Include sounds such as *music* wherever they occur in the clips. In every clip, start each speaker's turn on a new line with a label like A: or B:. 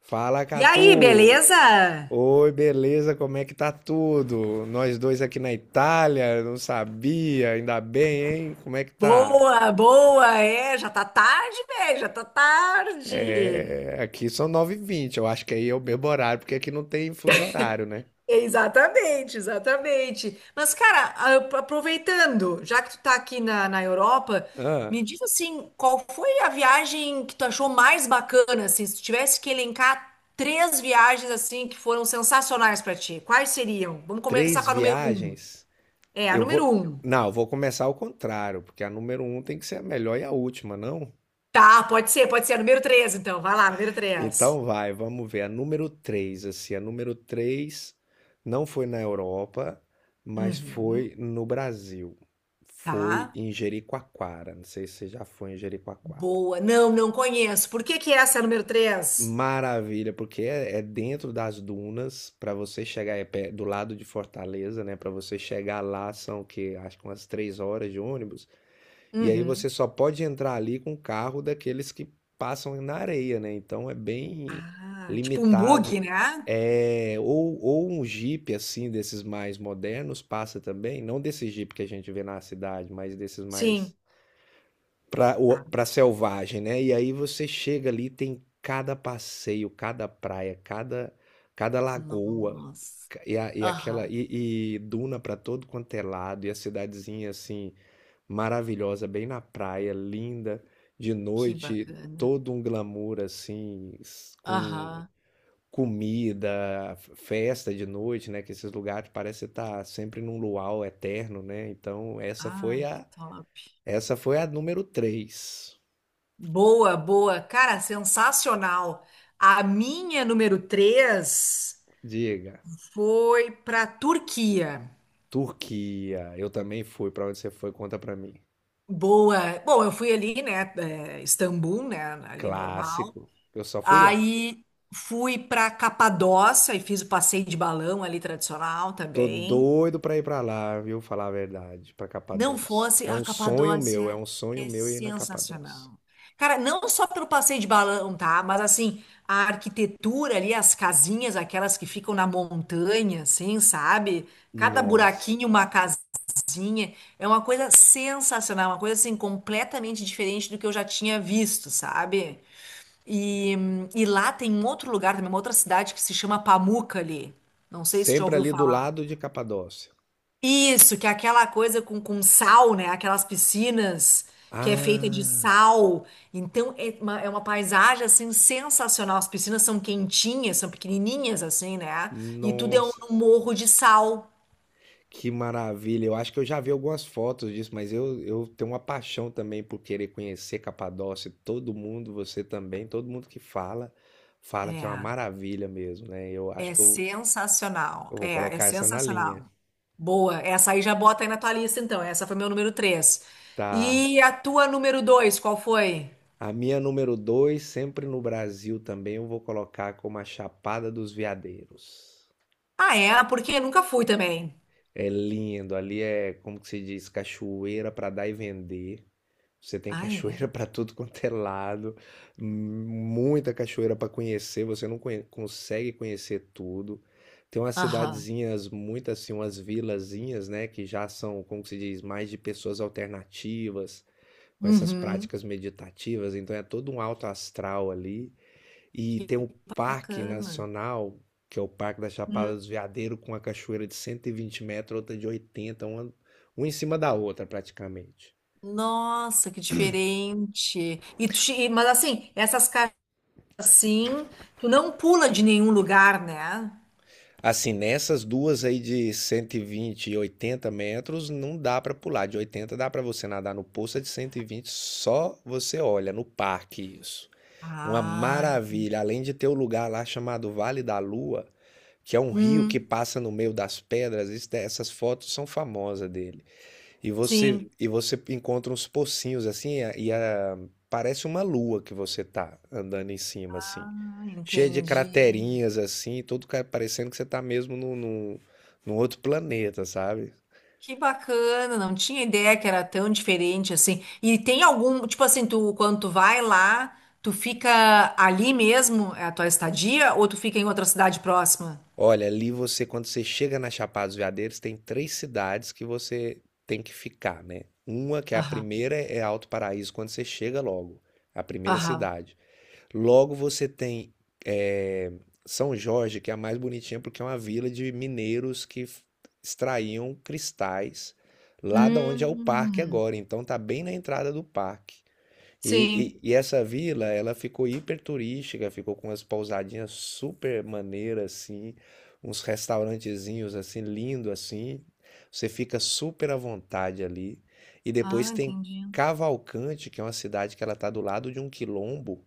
A: Fala,
B: E aí,
A: Catu!
B: beleza?
A: Oi, beleza? Como é que tá tudo? Nós dois aqui na Itália, não sabia, ainda bem, hein? Como é que tá?
B: Boa, boa, é, já tá tarde, velho, já tá tarde.
A: É, aqui são nove e vinte. Eu acho que aí é o mesmo horário, porque aqui não tem fuso horário, né?
B: Exatamente, exatamente. Mas, cara, aproveitando, já que tu tá aqui na Europa,
A: Ah,
B: me diz assim, qual foi a viagem que tu achou mais bacana, assim, se tu tivesse que elencar três viagens, assim, que foram sensacionais pra ti, quais seriam? Vamos começar
A: três
B: com a número um.
A: viagens?
B: É, a
A: Eu
B: número
A: vou.
B: um.
A: Não, eu vou começar ao contrário, porque a número um tem que ser a melhor e a última, não?
B: Tá, pode ser, a número três, então, vai lá, número três.
A: Então vai, vamos ver. A número 3, assim, a número 3 não foi na Europa, mas
B: Uhum.
A: foi no Brasil.
B: Tá?
A: Foi em Jericoacoara. Não sei se você já foi em Jericoacoara.
B: Boa. Não, não conheço. Por que que essa é a número três?
A: Maravilha, porque é dentro das dunas, para você chegar é do lado de Fortaleza, né? Para você chegar lá são o quê? Acho que umas três horas de ônibus. E aí
B: Uhum.
A: você só pode entrar ali com o carro daqueles que passam na areia, né? Então é bem
B: Ah, tipo um
A: limitado.
B: bug, né?
A: É, ou um Jeep assim, desses mais modernos, passa também, não desse Jeep que a gente vê na cidade, mas desses mais
B: Sim. Ah,
A: pra selvagem, né? E aí você chega ali, tem cada passeio, cada praia, cada lagoa,
B: nossa. Aham,
A: e duna pra todo quanto é lado, e a cidadezinha assim maravilhosa, bem na praia, linda, de
B: que
A: noite,
B: bacana.
A: todo um glamour assim, com
B: Aham.
A: comida, festa de noite, né? Que esses lugares parece estar sempre num luau eterno, né? Então,
B: Ai, que top.
A: essa foi a número três.
B: Boa, boa. Cara, sensacional. A minha número 3
A: Diga,
B: foi para Turquia.
A: Turquia. Eu também fui. Pra onde você foi? Conta pra mim.
B: Boa. Bom, eu fui ali, né? Istambul, né? Ali normal.
A: Clássico. Eu só fui lá.
B: Aí fui para Capadócia e fiz o passeio de balão ali tradicional
A: Tô
B: também.
A: doido pra ir pra lá, viu? Falar a verdade, pra
B: Não
A: Capadócia.
B: fosse,
A: É
B: a
A: um sonho meu, é
B: Capadócia
A: um sonho
B: é
A: meu ir na Capadócia.
B: sensacional. Cara, não só pelo passeio de balão, tá? Mas assim, a arquitetura ali, as casinhas, aquelas que ficam na montanha, assim, sabe? Cada
A: Nossa,
B: buraquinho uma casinha. É uma coisa sensacional, uma coisa assim completamente diferente do que eu já tinha visto, sabe? E, e lá tem um outro lugar também, uma outra cidade que se chama Pamukkale. Não sei se tu já
A: sempre
B: ouviu
A: ali do
B: falar.
A: lado de Capadócia.
B: Isso, que é aquela coisa com sal, né? Aquelas piscinas que é feita de
A: Ah,
B: sal. Então é uma paisagem assim sensacional. As piscinas são quentinhas, são pequenininhas assim, né? E tudo é um
A: nossa,
B: morro de sal.
A: que maravilha. Eu acho que eu já vi algumas fotos disso, mas eu tenho uma paixão também por querer conhecer Capadócia. Todo mundo, você também, todo mundo que fala, fala que é uma
B: É.
A: maravilha mesmo, né? Eu acho
B: É
A: que
B: sensacional.
A: eu vou
B: É
A: colocar essa na linha.
B: sensacional. Boa. Essa aí já bota aí na tua lista, então. Essa foi meu número 3.
A: Tá.
B: E a tua número dois, qual foi?
A: A minha número 2 sempre no Brasil também, eu vou colocar como a Chapada dos Veadeiros.
B: Ah, é? Ah, porque nunca fui também.
A: É lindo, ali é, como que se diz, cachoeira para dar e vender. Você tem
B: Ah, é?
A: cachoeira *laughs* para tudo quanto é lado, muita cachoeira para conhecer, você não consegue conhecer tudo. Tem umas
B: Aham.
A: cidadezinhas, muitas assim, umas vilazinhas, né, que já são, como que se diz, mais de pessoas alternativas, com essas
B: Uhum.
A: práticas meditativas, então é todo um alto astral ali. E
B: Que
A: tem um parque
B: bacana.
A: nacional, que é o Parque da Chapada
B: Hum.
A: dos Veadeiros, com a cachoeira de 120 metros, outra de 80, uma em cima da outra praticamente.
B: Nossa, que diferente. E tu, mas assim, essas casas assim, tu não pula de nenhum lugar, né?
A: Assim, nessas duas aí de 120 e 80 metros, não dá pra pular. De 80 dá pra você nadar no poço, a de 120 só você olha no parque isso. Uma
B: Ah, entendi.
A: maravilha, além de ter o lugar lá chamado Vale da Lua, que é um rio
B: Hum,
A: que passa no meio das pedras, essas fotos são famosas dele. E você,
B: sim.
A: e você encontra uns pocinhos assim, parece uma lua que você tá andando em cima, assim.
B: Ah,
A: Cheia de
B: entendi.
A: craterinhas, assim, parecendo que você tá mesmo num outro planeta, sabe?
B: Que bacana, não tinha ideia que era tão diferente assim. E tem algum, tipo assim, tu quando tu vai lá, tu fica ali mesmo, é a tua estadia, ou tu fica em outra cidade próxima?
A: Olha, ali você, quando você chega na Chapada dos Veadeiros, tem três cidades que você tem que ficar, né? Uma, que é a
B: Aham,
A: primeira, é Alto Paraíso, quando você chega logo, a primeira
B: aham.
A: cidade. Logo você tem eh, São Jorge, que é a mais bonitinha porque é uma vila de mineiros que extraíam cristais lá da onde é o parque
B: Hum,
A: agora. Então tá bem na entrada do parque.
B: sim.
A: E essa vila, ela ficou hiper turística, ficou com umas pousadinhas super maneiras assim, uns restaurantezinhos assim lindo assim. Você fica super à vontade ali. E depois
B: Ah,
A: tem
B: entendi.
A: Cavalcante, que é uma cidade que ela tá do lado de um quilombo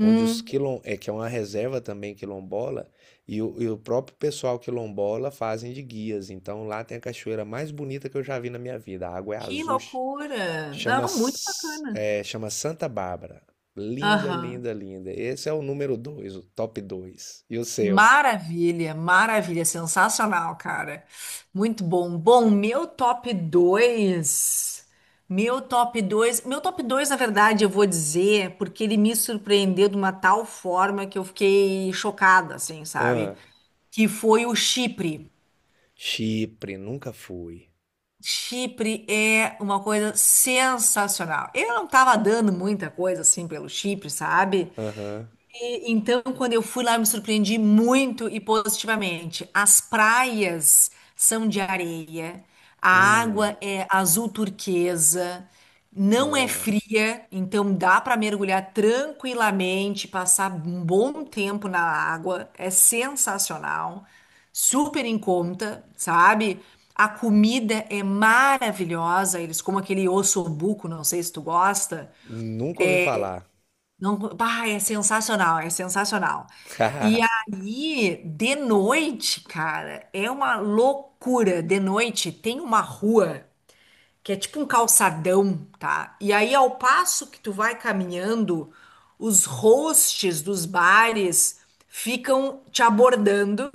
A: onde que é uma reserva também quilombola, e o próprio pessoal quilombola fazem de guias. Então lá tem a cachoeira mais bonita que eu já vi na minha vida. A água é
B: que
A: azul,
B: loucura.
A: chama,
B: Não, muito bacana.
A: chama Santa Bárbara. Linda,
B: Aham.
A: linda, linda. Esse é o número dois, o top 2. E o seu?
B: Maravilha, maravilha, sensacional, cara. Muito bom. Bom, meu top 2, Meu top 2, meu top dois. Na verdade, eu vou dizer, porque ele me surpreendeu de uma tal forma que eu fiquei chocada, assim, sabe?
A: Ah,
B: Que foi o Chipre.
A: Chipre, nunca fui.
B: Chipre é uma coisa sensacional. Eu não tava dando muita coisa assim pelo Chipre, sabe?
A: Aham.
B: E, então, quando eu fui lá, eu me surpreendi muito e positivamente. As praias são de areia, a
A: Hum,
B: água é azul turquesa, não é
A: nossa.
B: fria, então dá para mergulhar tranquilamente, passar um bom tempo na água. É sensacional, super em conta, sabe? A comida é maravilhosa, eles comem aquele ossobuco, não sei se tu gosta.
A: Nunca ouvi falar.
B: Não, bah, é sensacional, é sensacional.
A: *laughs*
B: E
A: Haha.
B: aí, de noite, cara, é uma loucura. De noite tem uma rua que é tipo um calçadão, tá? E aí, ao passo que tu vai caminhando, os hosts dos bares ficam te abordando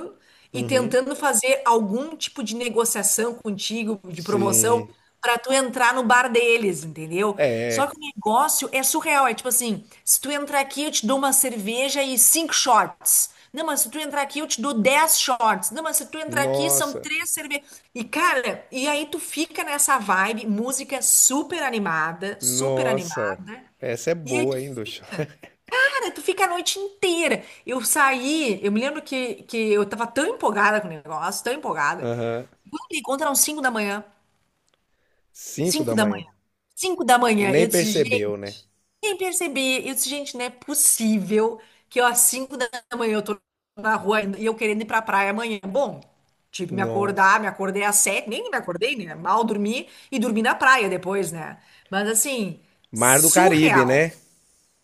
B: e
A: Uhum.
B: tentando fazer algum tipo de negociação contigo, de promoção,
A: Sim.
B: pra tu entrar no bar deles, entendeu? Só
A: É.
B: que o negócio é surreal, é tipo assim, se tu entrar aqui, eu te dou uma cerveja e cinco shots. Não, mas se tu entrar aqui, eu te dou 10 shorts. Não, mas se tu entrar aqui, são
A: Nossa.
B: três cervejas. E, cara, e aí tu fica nessa vibe, música super animada, super
A: Nossa,
B: animada.
A: essa é
B: E aí tu
A: boa, hein, do chá.
B: fica, cara, tu fica a noite inteira. Eu saí, eu me lembro que eu tava tão empolgada com o negócio, tão empolgada.
A: Aham.
B: Quando me encontram 5 da manhã,
A: 5 da
B: 5 da
A: manhã.
B: manhã, 5 da manhã,
A: Nem
B: eu disse,
A: percebeu, né?
B: nem percebi. Eu disse, gente, não é possível que eu, às 5 da manhã eu tô na rua e eu querendo ir pra praia amanhã. Bom, tive que me acordar,
A: Nossa.
B: me acordei às 7 nem me acordei, né? Mal dormi e dormi na praia depois, né? Mas assim,
A: Mar do Caribe,
B: surreal.
A: né?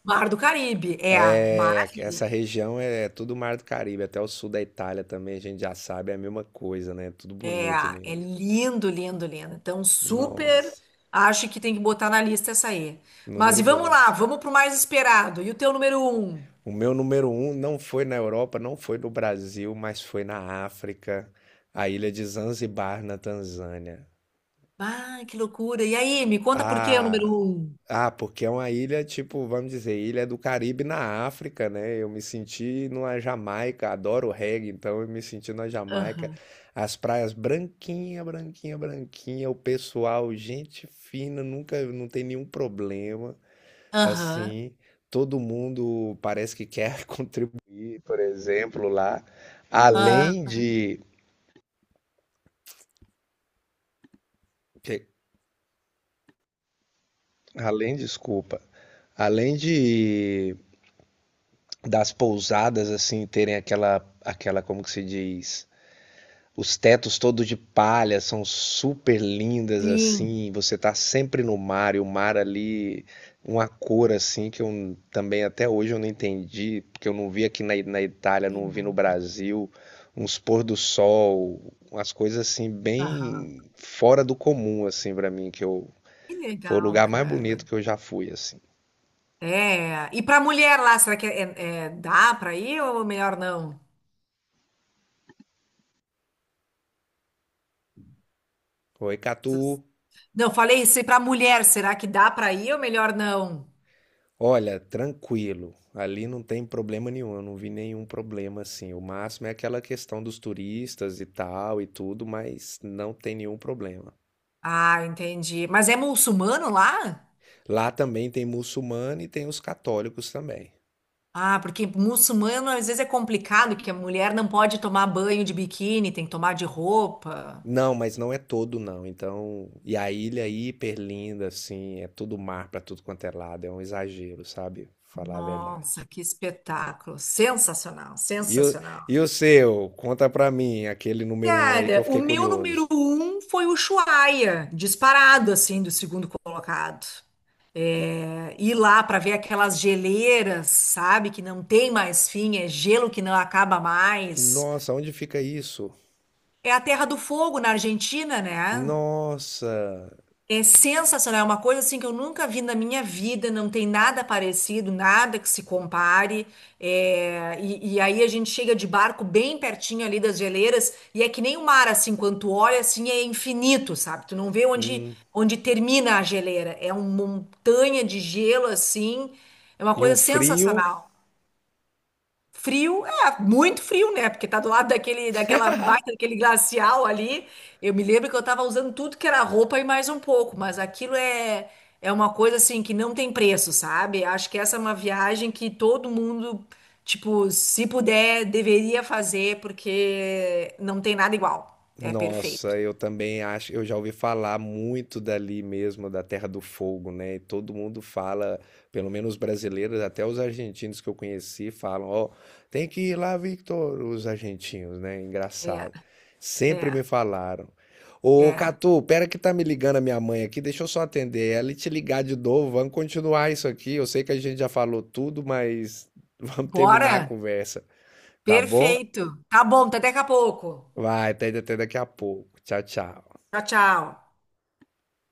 B: Mar do Caribe, é,
A: É, aqui-
B: maravilha,
A: essa região é tudo Mar do Caribe, até o sul da Itália também, a gente já sabe, é a mesma coisa, né? Tudo
B: é,
A: bonito
B: é
A: mesmo.
B: lindo, lindo, lindo. Então, super,
A: Nossa.
B: acho que tem que botar na lista essa aí. Mas
A: Número
B: e vamos lá,
A: 2.
B: vamos pro mais esperado. E o teu número um?
A: O meu número um não foi na Europa, não foi no Brasil, mas foi na África, a ilha de Zanzibar, na Tanzânia.
B: Ah, que loucura. E aí, me conta por que é o número
A: Ah,
B: um?
A: ah, porque é uma ilha, tipo, vamos dizer, ilha do Caribe na África, né? Eu me senti numa Jamaica, adoro reggae, então eu me senti na Jamaica.
B: Aham,
A: As praias branquinha, branquinha, branquinha, o pessoal, gente fina, nunca, não tem nenhum problema,
B: aham,
A: assim. Todo mundo parece que quer *laughs* contribuir, por exemplo, lá. Além
B: ah,
A: de, que- além, desculpa, além de das pousadas assim terem aquela como que se diz, os tetos todos de palha, são super lindas
B: sim,
A: assim, você tá sempre no mar, e o mar ali uma cor assim que eu também até hoje eu não entendi, porque eu não vi aqui na Itália,
B: que
A: não vi no Brasil, uns pôr do sol, umas coisas assim
B: aham.
A: bem fora do comum, assim, para mim, que eu
B: Que
A: foi o
B: legal,
A: lugar mais
B: cara.
A: bonito que eu já fui assim.
B: É, e pra mulher lá, será que é, dá pra ir ou melhor não?
A: Oi, Catu.
B: Não, falei isso, e pra mulher, será que dá pra ir ou melhor não?
A: Olha, tranquilo. Ali não tem problema nenhum, eu não vi nenhum problema assim. O máximo é aquela questão dos turistas e tal e tudo, mas não tem nenhum problema.
B: Ah, entendi. Mas é muçulmano lá?
A: Lá também tem muçulmano e tem os católicos também.
B: Ah, porque muçulmano às vezes é complicado, que a mulher não pode tomar banho de biquíni, tem que tomar de roupa.
A: Não, mas não é todo não. Então, e a ilha é hiper linda assim, é tudo mar pra tudo quanto é lado, é um exagero, sabe? Falar a verdade.
B: Nossa, que espetáculo! Sensacional,
A: E o, e
B: sensacional.
A: o seu? Conta pra mim, aquele número um aí que eu
B: Cara, o
A: fiquei
B: meu número
A: curioso.
B: um foi o Ushuaia, disparado assim do segundo colocado.
A: E-
B: É, ir lá para ver aquelas geleiras, sabe, que não tem mais fim, é gelo que não acaba mais.
A: Nossa, onde fica isso?
B: É a Terra do Fogo na Argentina, né?
A: Nossa!
B: É sensacional, é uma coisa assim que eu nunca vi na minha vida, não tem nada parecido, nada que se compare. É, e aí a gente chega de barco bem pertinho ali das geleiras, e é que nem o mar, assim, quando tu olha assim, é infinito, sabe? Tu não vê onde,
A: Hum.
B: onde termina a geleira. É uma montanha de gelo, assim, é uma
A: E um
B: coisa
A: frio?
B: sensacional. Frio, é, muito frio, né? Porque tá do lado daquele, daquela baita, daquele glacial ali. Eu me lembro que eu tava usando tudo que era roupa e mais um pouco, mas aquilo é, é uma coisa assim que não tem preço, sabe? Acho que essa é uma viagem que todo mundo, tipo, se puder, deveria fazer, porque não tem nada igual. É
A: Nossa,
B: perfeito.
A: eu também acho, eu já ouvi falar muito dali mesmo, da Terra do Fogo, né? E todo mundo fala, pelo menos os brasileiros, até os argentinos que eu conheci falam, ó, tem que ir lá, Victor, os argentinos, né?
B: É,
A: Engraçado. Sempre
B: é,
A: me falaram. Ô,
B: é.
A: Catu, pera que tá me ligando a minha mãe aqui, deixa eu só atender ela e te ligar de novo, vamos continuar isso aqui. Eu sei que a gente já falou tudo, mas *laughs* vamos terminar a
B: Bora?
A: conversa. Tá bom?
B: Perfeito. Tá bom, tá até daqui a pouco.
A: Vai, até, até daqui a pouco. Tchau, tchau.
B: Tchau, tchau.